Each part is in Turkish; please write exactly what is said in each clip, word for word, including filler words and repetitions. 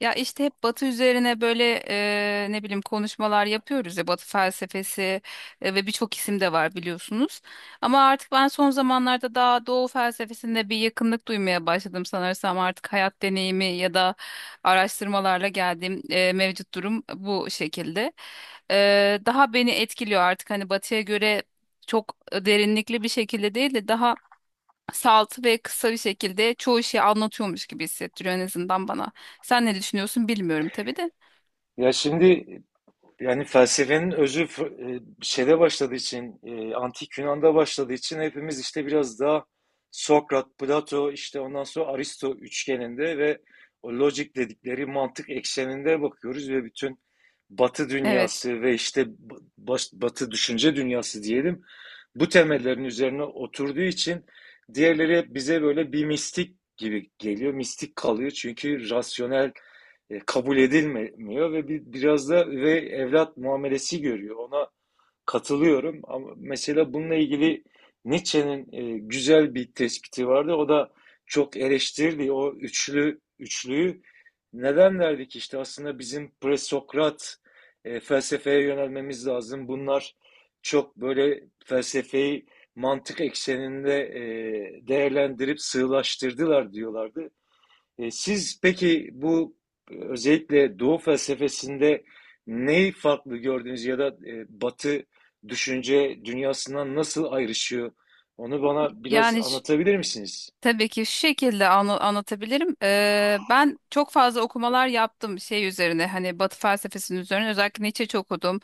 Ya işte hep Batı üzerine böyle e, ne bileyim konuşmalar yapıyoruz ya, Batı felsefesi e, ve birçok isim de var biliyorsunuz. Ama artık ben son zamanlarda daha Doğu felsefesinde bir yakınlık duymaya başladım, sanırsam artık hayat deneyimi ya da araştırmalarla geldiğim e, mevcut durum bu şekilde. E, daha beni etkiliyor artık, hani Batı'ya göre çok derinlikli bir şekilde değil de daha salt ve kısa bir şekilde çoğu şeyi anlatıyormuş gibi hissettiriyor en azından bana. Sen ne düşünüyorsun bilmiyorum tabii de. Ya şimdi yani felsefenin özü f- e, şeyde başladığı için, e, antik Yunan'da başladığı için hepimiz işte biraz daha Sokrat, Plato, işte ondan sonra Aristo üçgeninde ve o logic dedikleri mantık ekseninde bakıyoruz ve bütün Batı Evet. dünyası ve işte b- baş- Batı düşünce dünyası diyelim bu temellerin üzerine oturduğu için diğerleri hep bize böyle bir mistik gibi geliyor, mistik kalıyor çünkü rasyonel e, kabul edilmiyor ve bir, biraz da ve evlat muamelesi görüyor. Ona katılıyorum ama mesela bununla ilgili Nietzsche'nin e, güzel bir tespiti vardı. O da çok eleştirdi o üçlü üçlüyü. Neden derdik işte aslında bizim presokrat e, felsefeye yönelmemiz lazım. Bunlar çok böyle felsefeyi mantık ekseninde e, değerlendirip sığlaştırdılar diyorlardı. E, siz peki bu e, özellikle Doğu felsefesinde neyi farklı gördünüz ya da e, Batı düşünce dünyasından nasıl ayrışıyor? Onu bana biraz Yani anlatabilir misiniz? Tabii ki şu şekilde anla- anlatabilirim. Ee, ben çok fazla okumalar yaptım şey üzerine, hani Batı felsefesinin üzerine, özellikle Nietzsche çok okudum.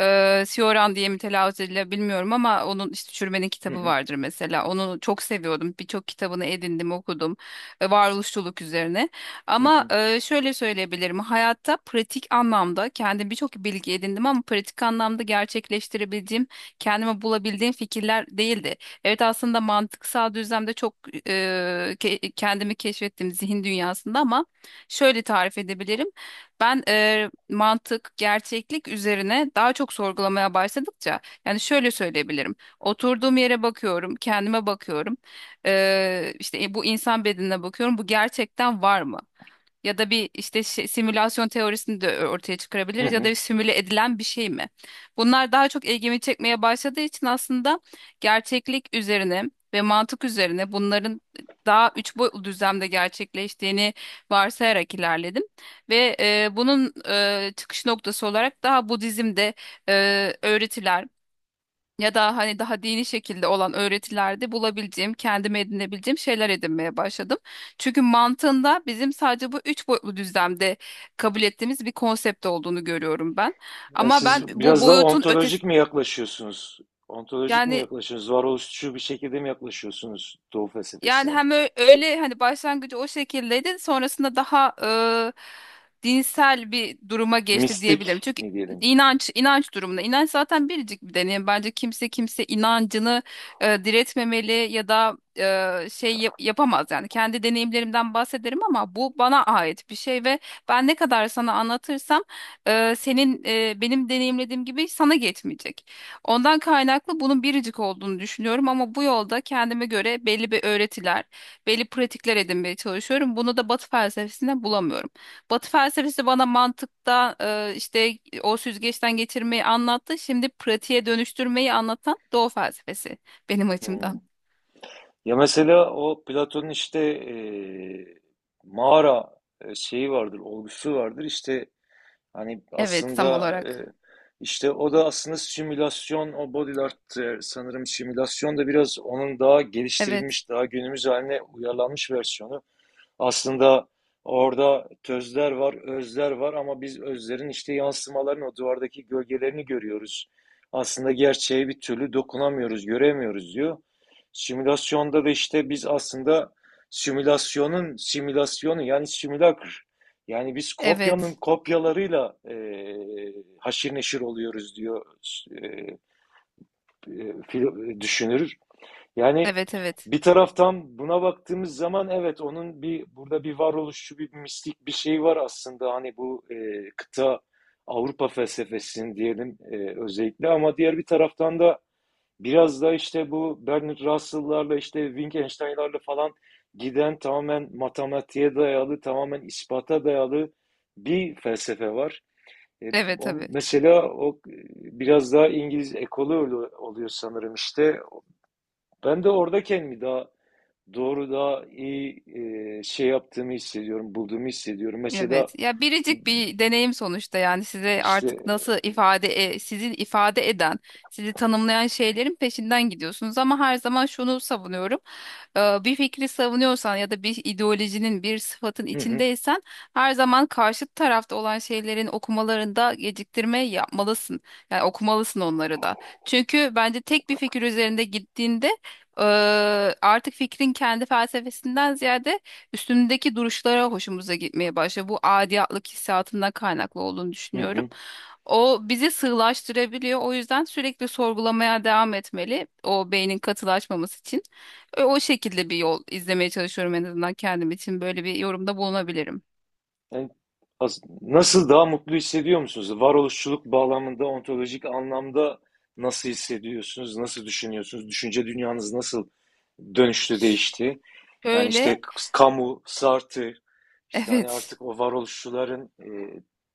Ee, Sioran diye mi telaffuz ediliyor bilmiyorum, ama onun işte Çürümenin Hı kitabı hı. vardır mesela. Onu çok seviyordum. Birçok kitabını edindim, okudum. Ee, varoluşçuluk üzerine. hı Ama hı, e, şöyle söyleyebilirim, hayatta pratik anlamda kendim birçok bilgi edindim, ama pratik anlamda gerçekleştirebildiğim, kendime bulabildiğim fikirler değildi. Evet, aslında mantıksal düzlemde çok e, ke- kendimi keşfettim zihin dünyasında, ama şöyle tarif edebilirim. Ben e, mantık, gerçeklik üzerine daha çok sorgulamaya başladıkça, yani şöyle söyleyebilirim. Oturduğum yere bakıyorum, kendime bakıyorum. E, işte e, bu insan bedenine bakıyorum. Bu gerçekten var mı? Ya da bir işte şey- simülasyon teorisini de ö- ortaya hı çıkarabiliriz, ya da hı. bir simüle edilen bir şey mi? Bunlar daha çok ilgimi çekmeye başladığı için aslında gerçeklik üzerine ve mantık üzerine bunların daha üç boyutlu düzlemde gerçekleştiğini varsayarak ilerledim. Ve e, bunun e, çıkış noktası olarak daha Budizm'de e, öğretiler ya da hani daha dini şekilde olan öğretilerde bulabileceğim, kendime edinebileceğim şeyler edinmeye başladım. Çünkü mantığında bizim sadece bu üç boyutlu düzlemde kabul ettiğimiz bir konsept olduğunu görüyorum ben. Yani Ama ben siz bu biraz daha boyutun ötesi ontolojik mi yaklaşıyorsunuz? Ontolojik mi yani yaklaşıyorsunuz? Varoluşçu bir şekilde mi yaklaşıyorsunuz Doğu Yani felsefesine? hem ö- öyle, hani başlangıcı o şekildeydi, sonrasında daha e, dinsel bir duruma geçti diyebilirim. Mistik Çünkü mi diyelim? inanç inanç durumunda inanç zaten biricik bir deneyim. Bence kimse kimse inancını e, diretmemeli ya da e, şey yap- yapamaz yani. Kendi deneyimlerimden bahsederim, ama bu bana ait bir şey ve ben ne kadar sana anlatırsam e, senin e, benim deneyimlediğim gibi sana geçmeyecek. Ondan kaynaklı bunun biricik olduğunu düşünüyorum, ama bu yolda kendime göre belli bir öğretiler, belli pratikler edinmeye çalışıyorum. Bunu da Batı felsefesinden bulamıyorum. Batı felsefesi bana mantıkta e, işte o süzgeçten geçirmeyi anlattı. Şimdi pratiğe dönüştürmeyi anlatan Doğu felsefesi benim Hı. açımdan. Ya mesela o Platon'un işte eee, mağara e, şeyi vardır, olgusu vardır. İşte hani Evet, tam aslında e, olarak. işte o da aslında simülasyon, o body art e, sanırım simülasyon da biraz onun daha Evet, geliştirilmiş, daha günümüz haline uyarlanmış versiyonu. Aslında orada tözler var, özler var ama biz özlerin işte yansımalarını, o duvardaki gölgelerini görüyoruz. Aslında gerçeğe bir türlü dokunamıyoruz, göremiyoruz diyor. Simülasyonda da işte biz aslında simülasyonun simülasyonu yani simülakr. Yani biz kopyanın evet, kopyalarıyla eee haşir neşir oluyoruz diyor eee, eee, düşünür. Yani evet, evet, bir taraftan buna baktığımız zaman evet onun bir burada bir varoluşçu bir mistik bir şey var aslında hani bu e, kıta Avrupa felsefesinin diyelim e, özellikle ama diğer bir taraftan da biraz da işte bu Bernard Russell'larla işte Wittgenstein'larla falan giden tamamen matematiğe dayalı tamamen ispata dayalı bir felsefe var. E, evet, o, tabii. mesela o e, biraz daha İngiliz ekolü oluyor sanırım işte ben de orada kendimi daha doğru daha iyi e, şey yaptığımı hissediyorum, bulduğumu hissediyorum. Mesela Evet. Ya biricik bir deneyim sonuçta, yani size işte artık nasıl ifade e, sizi ifade eden, sizi tanımlayan şeylerin peşinden gidiyorsunuz, ama her zaman şunu savunuyorum. Ee, bir fikri savunuyorsan ya da bir ideolojinin, bir sıfatın hı hı. içindeysen, her zaman karşı tarafta olan şeylerin okumalarında geciktirme yapmalısın. Yani okumalısın onları da. Çünkü bence tek bir fikir üzerinde gittiğinde e, artık fikrin kendi felsefesinden ziyade üstündeki duruşlara hoşumuza gitmeye başlıyor. Bu adiyatlık hissiyatından kaynaklı olduğunu hı düşünüyorum. hı. O bizi sığlaştırabiliyor. O yüzden sürekli sorgulamaya devam etmeli, o beynin katılaşmaması için. E, O şekilde bir yol izlemeye çalışıyorum en azından kendim için. Böyle bir yorumda bulunabilirim. Yani as- nasıl daha mutlu hissediyor musunuz? Varoluşçuluk bağlamında, ontolojik anlamda nasıl hissediyorsunuz? Nasıl düşünüyorsunuz? Düşünce dünyanız nasıl dönüştü, değişti? Yani işte Şöyle, Camus, Sartre, işte hani evet, artık o varoluşçuların e,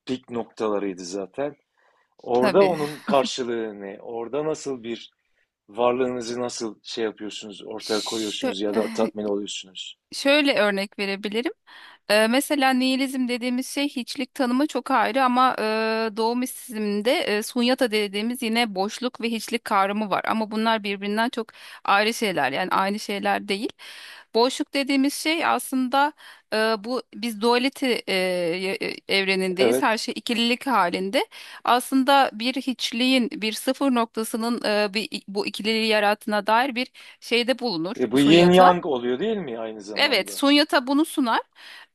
pik noktalarıydı zaten. Orada tabii. onun karşılığı ne? Orada nasıl bir varlığınızı nasıl şey yapıyorsunuz, ortaya Şö- koyuyorsunuz ya da tatmin oluyorsunuz? Şöyle örnek verebilirim. Eee, mesela nihilizm dediğimiz şey, hiçlik tanımı çok ayrı, ama eee doğu mistisizmde eee, sunyata dediğimiz yine boşluk ve hiçlik kavramı var. Ama bunlar birbirinden çok ayrı şeyler, yani aynı şeyler değil. Boşluk dediğimiz şey aslında, eee, bu biz dualite eee, ye- e, evrenindeyiz. Evet. Her şey ikililik halinde. Aslında bir hiçliğin bir sıfır noktasının eee, bir, bu ikililiği yarattığına dair bir şeyde bulunur E, bu yin sunyata. yang oluyor değil mi aynı Evet, zamanda? Sonya Tabu bunu sunar.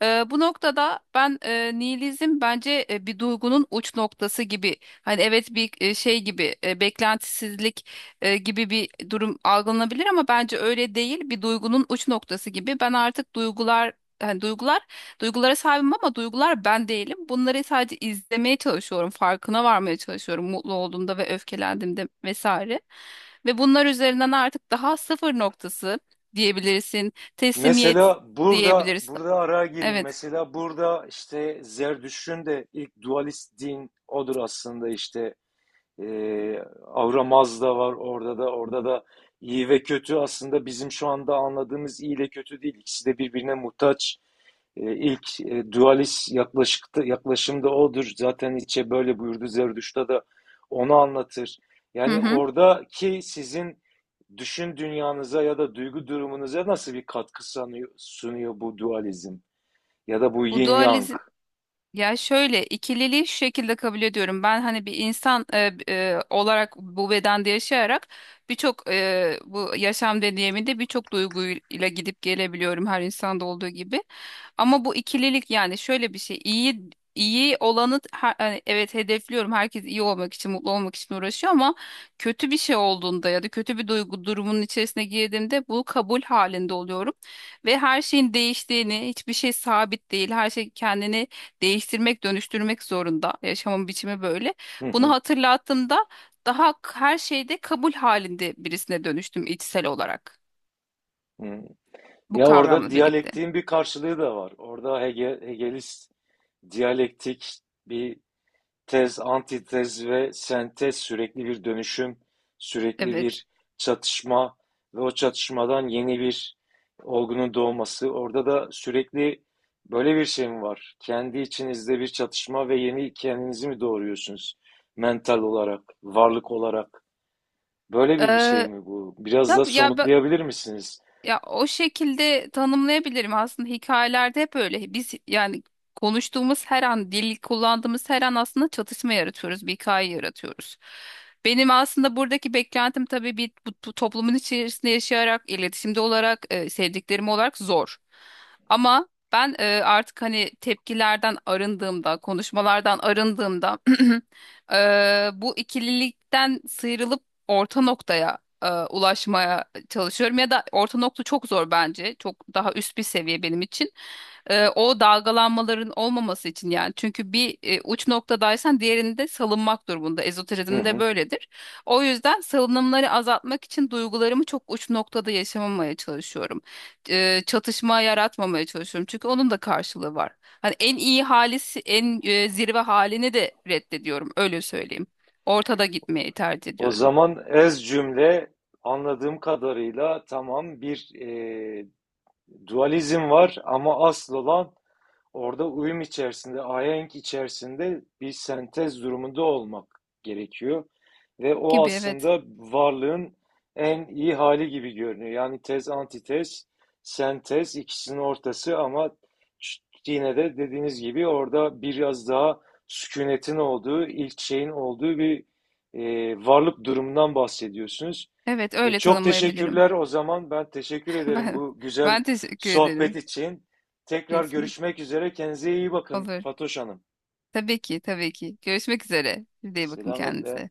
Ee, bu noktada ben, e, nihilizm bence e, bir duygunun uç noktası gibi. Hani evet bir e, şey gibi e, beklentisizlik e, gibi bir durum algılanabilir, ama bence öyle değil. Bir duygunun uç noktası gibi. Ben artık duygular hani duygular duygulara sahibim, ama duygular ben değilim. Bunları sadece izlemeye çalışıyorum, farkına varmaya çalışıyorum mutlu olduğumda ve öfkelendiğimde vesaire. Ve bunlar üzerinden artık daha sıfır noktası diyebilirsin, teslimiyet Mesela burada diyebiliriz. burada araya gireyim. Evet. Mesela burada işte Zerdüşt'ün de ilk dualist din odur aslında işte. Ee, Avramaz da var orada da orada da iyi ve kötü aslında bizim şu anda anladığımız iyi ile kötü değil. İkisi de birbirine muhtaç. Ee, ilk e, dualist yaklaşıkta, yaklaşım da odur. Zaten Nietzsche böyle buyurdu. Zerdüşt'te de onu anlatır. Hı Yani hı. oradaki sizin düşün dünyanıza ya da duygu durumunuza nasıl bir katkı sanıyor- sunuyor bu dualizm? Ya da bu Bu yin yang? dualizm, ya şöyle, ikililiği şu şekilde kabul ediyorum. Ben hani bir insan e, e, olarak bu bedende yaşayarak birçok e, bu yaşam deneyiminde birçok duyguyla gidip gelebiliyorum, her insanda olduğu gibi. Ama bu ikililik, yani şöyle bir şey, iyi iyi olanı her- hani evet hedefliyorum. Herkes iyi olmak için, mutlu olmak için uğraşıyor, ama kötü bir şey olduğunda ya da kötü bir duygu durumunun içerisine girdiğimde bu kabul halinde oluyorum ve her şeyin değiştiğini, hiçbir şey sabit değil. Her şey kendini değiştirmek, dönüştürmek zorunda. Yaşamın biçimi böyle. Hı Bunu hı. hatırlattığımda daha k- her şeyde kabul halinde birisine dönüştüm içsel olarak. hı. Bu Ya orada kavramla birlikte. diyalektiğin bir karşılığı da var. Orada Hege, Hegelist diyalektik bir tez, antitez ve sentez sürekli bir dönüşüm, sürekli Evet. bir çatışma ve o çatışmadan yeni bir olgunun doğması. Orada da sürekli böyle bir şey mi var? Kendi içinizde bir çatışma ve yeni kendinizi mi doğuruyorsunuz? Mental olarak, varlık olarak. Böyle bir bir şey Ee, mi bu? Biraz da tabii ya, somutlayabilir misiniz? Ya o şekilde tanımlayabilirim aslında, hikayelerde hep öyle. Biz yani konuştuğumuz her an, dil kullandığımız her an aslında çatışma yaratıyoruz, bir hikaye yaratıyoruz. Benim aslında buradaki beklentim tabii bir bu, bu toplumun içerisinde yaşayarak, iletişimde olarak, e, sevdiklerim olarak zor. Ama ben e, artık hani tepkilerden arındığımda, konuşmalardan arındığımda e, bu ikililikten sıyrılıp orta noktaya e, ulaşmaya çalışıyorum, ya da orta nokta çok zor bence. Çok daha üst bir seviye benim için. Ee, o dalgalanmaların olmaması için yani. Çünkü bir e, uç noktadaysan diğerinde salınmak durumunda. Hı Ezoterizmde hı. böyledir. O yüzden salınımları azaltmak için duygularımı çok uç noktada yaşamamaya çalışıyorum. Ee, çatışma yaratmamaya çalışıyorum. Çünkü onun da karşılığı var. Hani en iyi halisi, en e, zirve halini de reddediyorum. Öyle söyleyeyim. Ortada gitmeyi tercih O ediyorum zaman ez cümle anladığım kadarıyla tamam bir e, dualizm var ama asıl olan orada uyum içerisinde, ahenk içerisinde bir sentez durumunda olmak gerekiyor. Ve o gibi, evet. aslında varlığın en iyi hali gibi görünüyor. Yani tez, antitez, sentez ikisinin ortası ama yine de dediğiniz gibi orada biraz daha sükunetin olduğu, ilk şeyin olduğu bir e, varlık durumundan bahsediyorsunuz. Evet, E, öyle Çok tanımlayabilirim. teşekkürler o zaman. Ben teşekkür ederim Ben, bu güzel ben teşekkür sohbet ederim. için. Tekrar Kesinlikle. görüşmek üzere. Kendinize iyi bakın Olur. Fatoş Hanım. Tabii ki, tabii ki. Görüşmek üzere. Siz de iyi bakın Selametle. kendinize.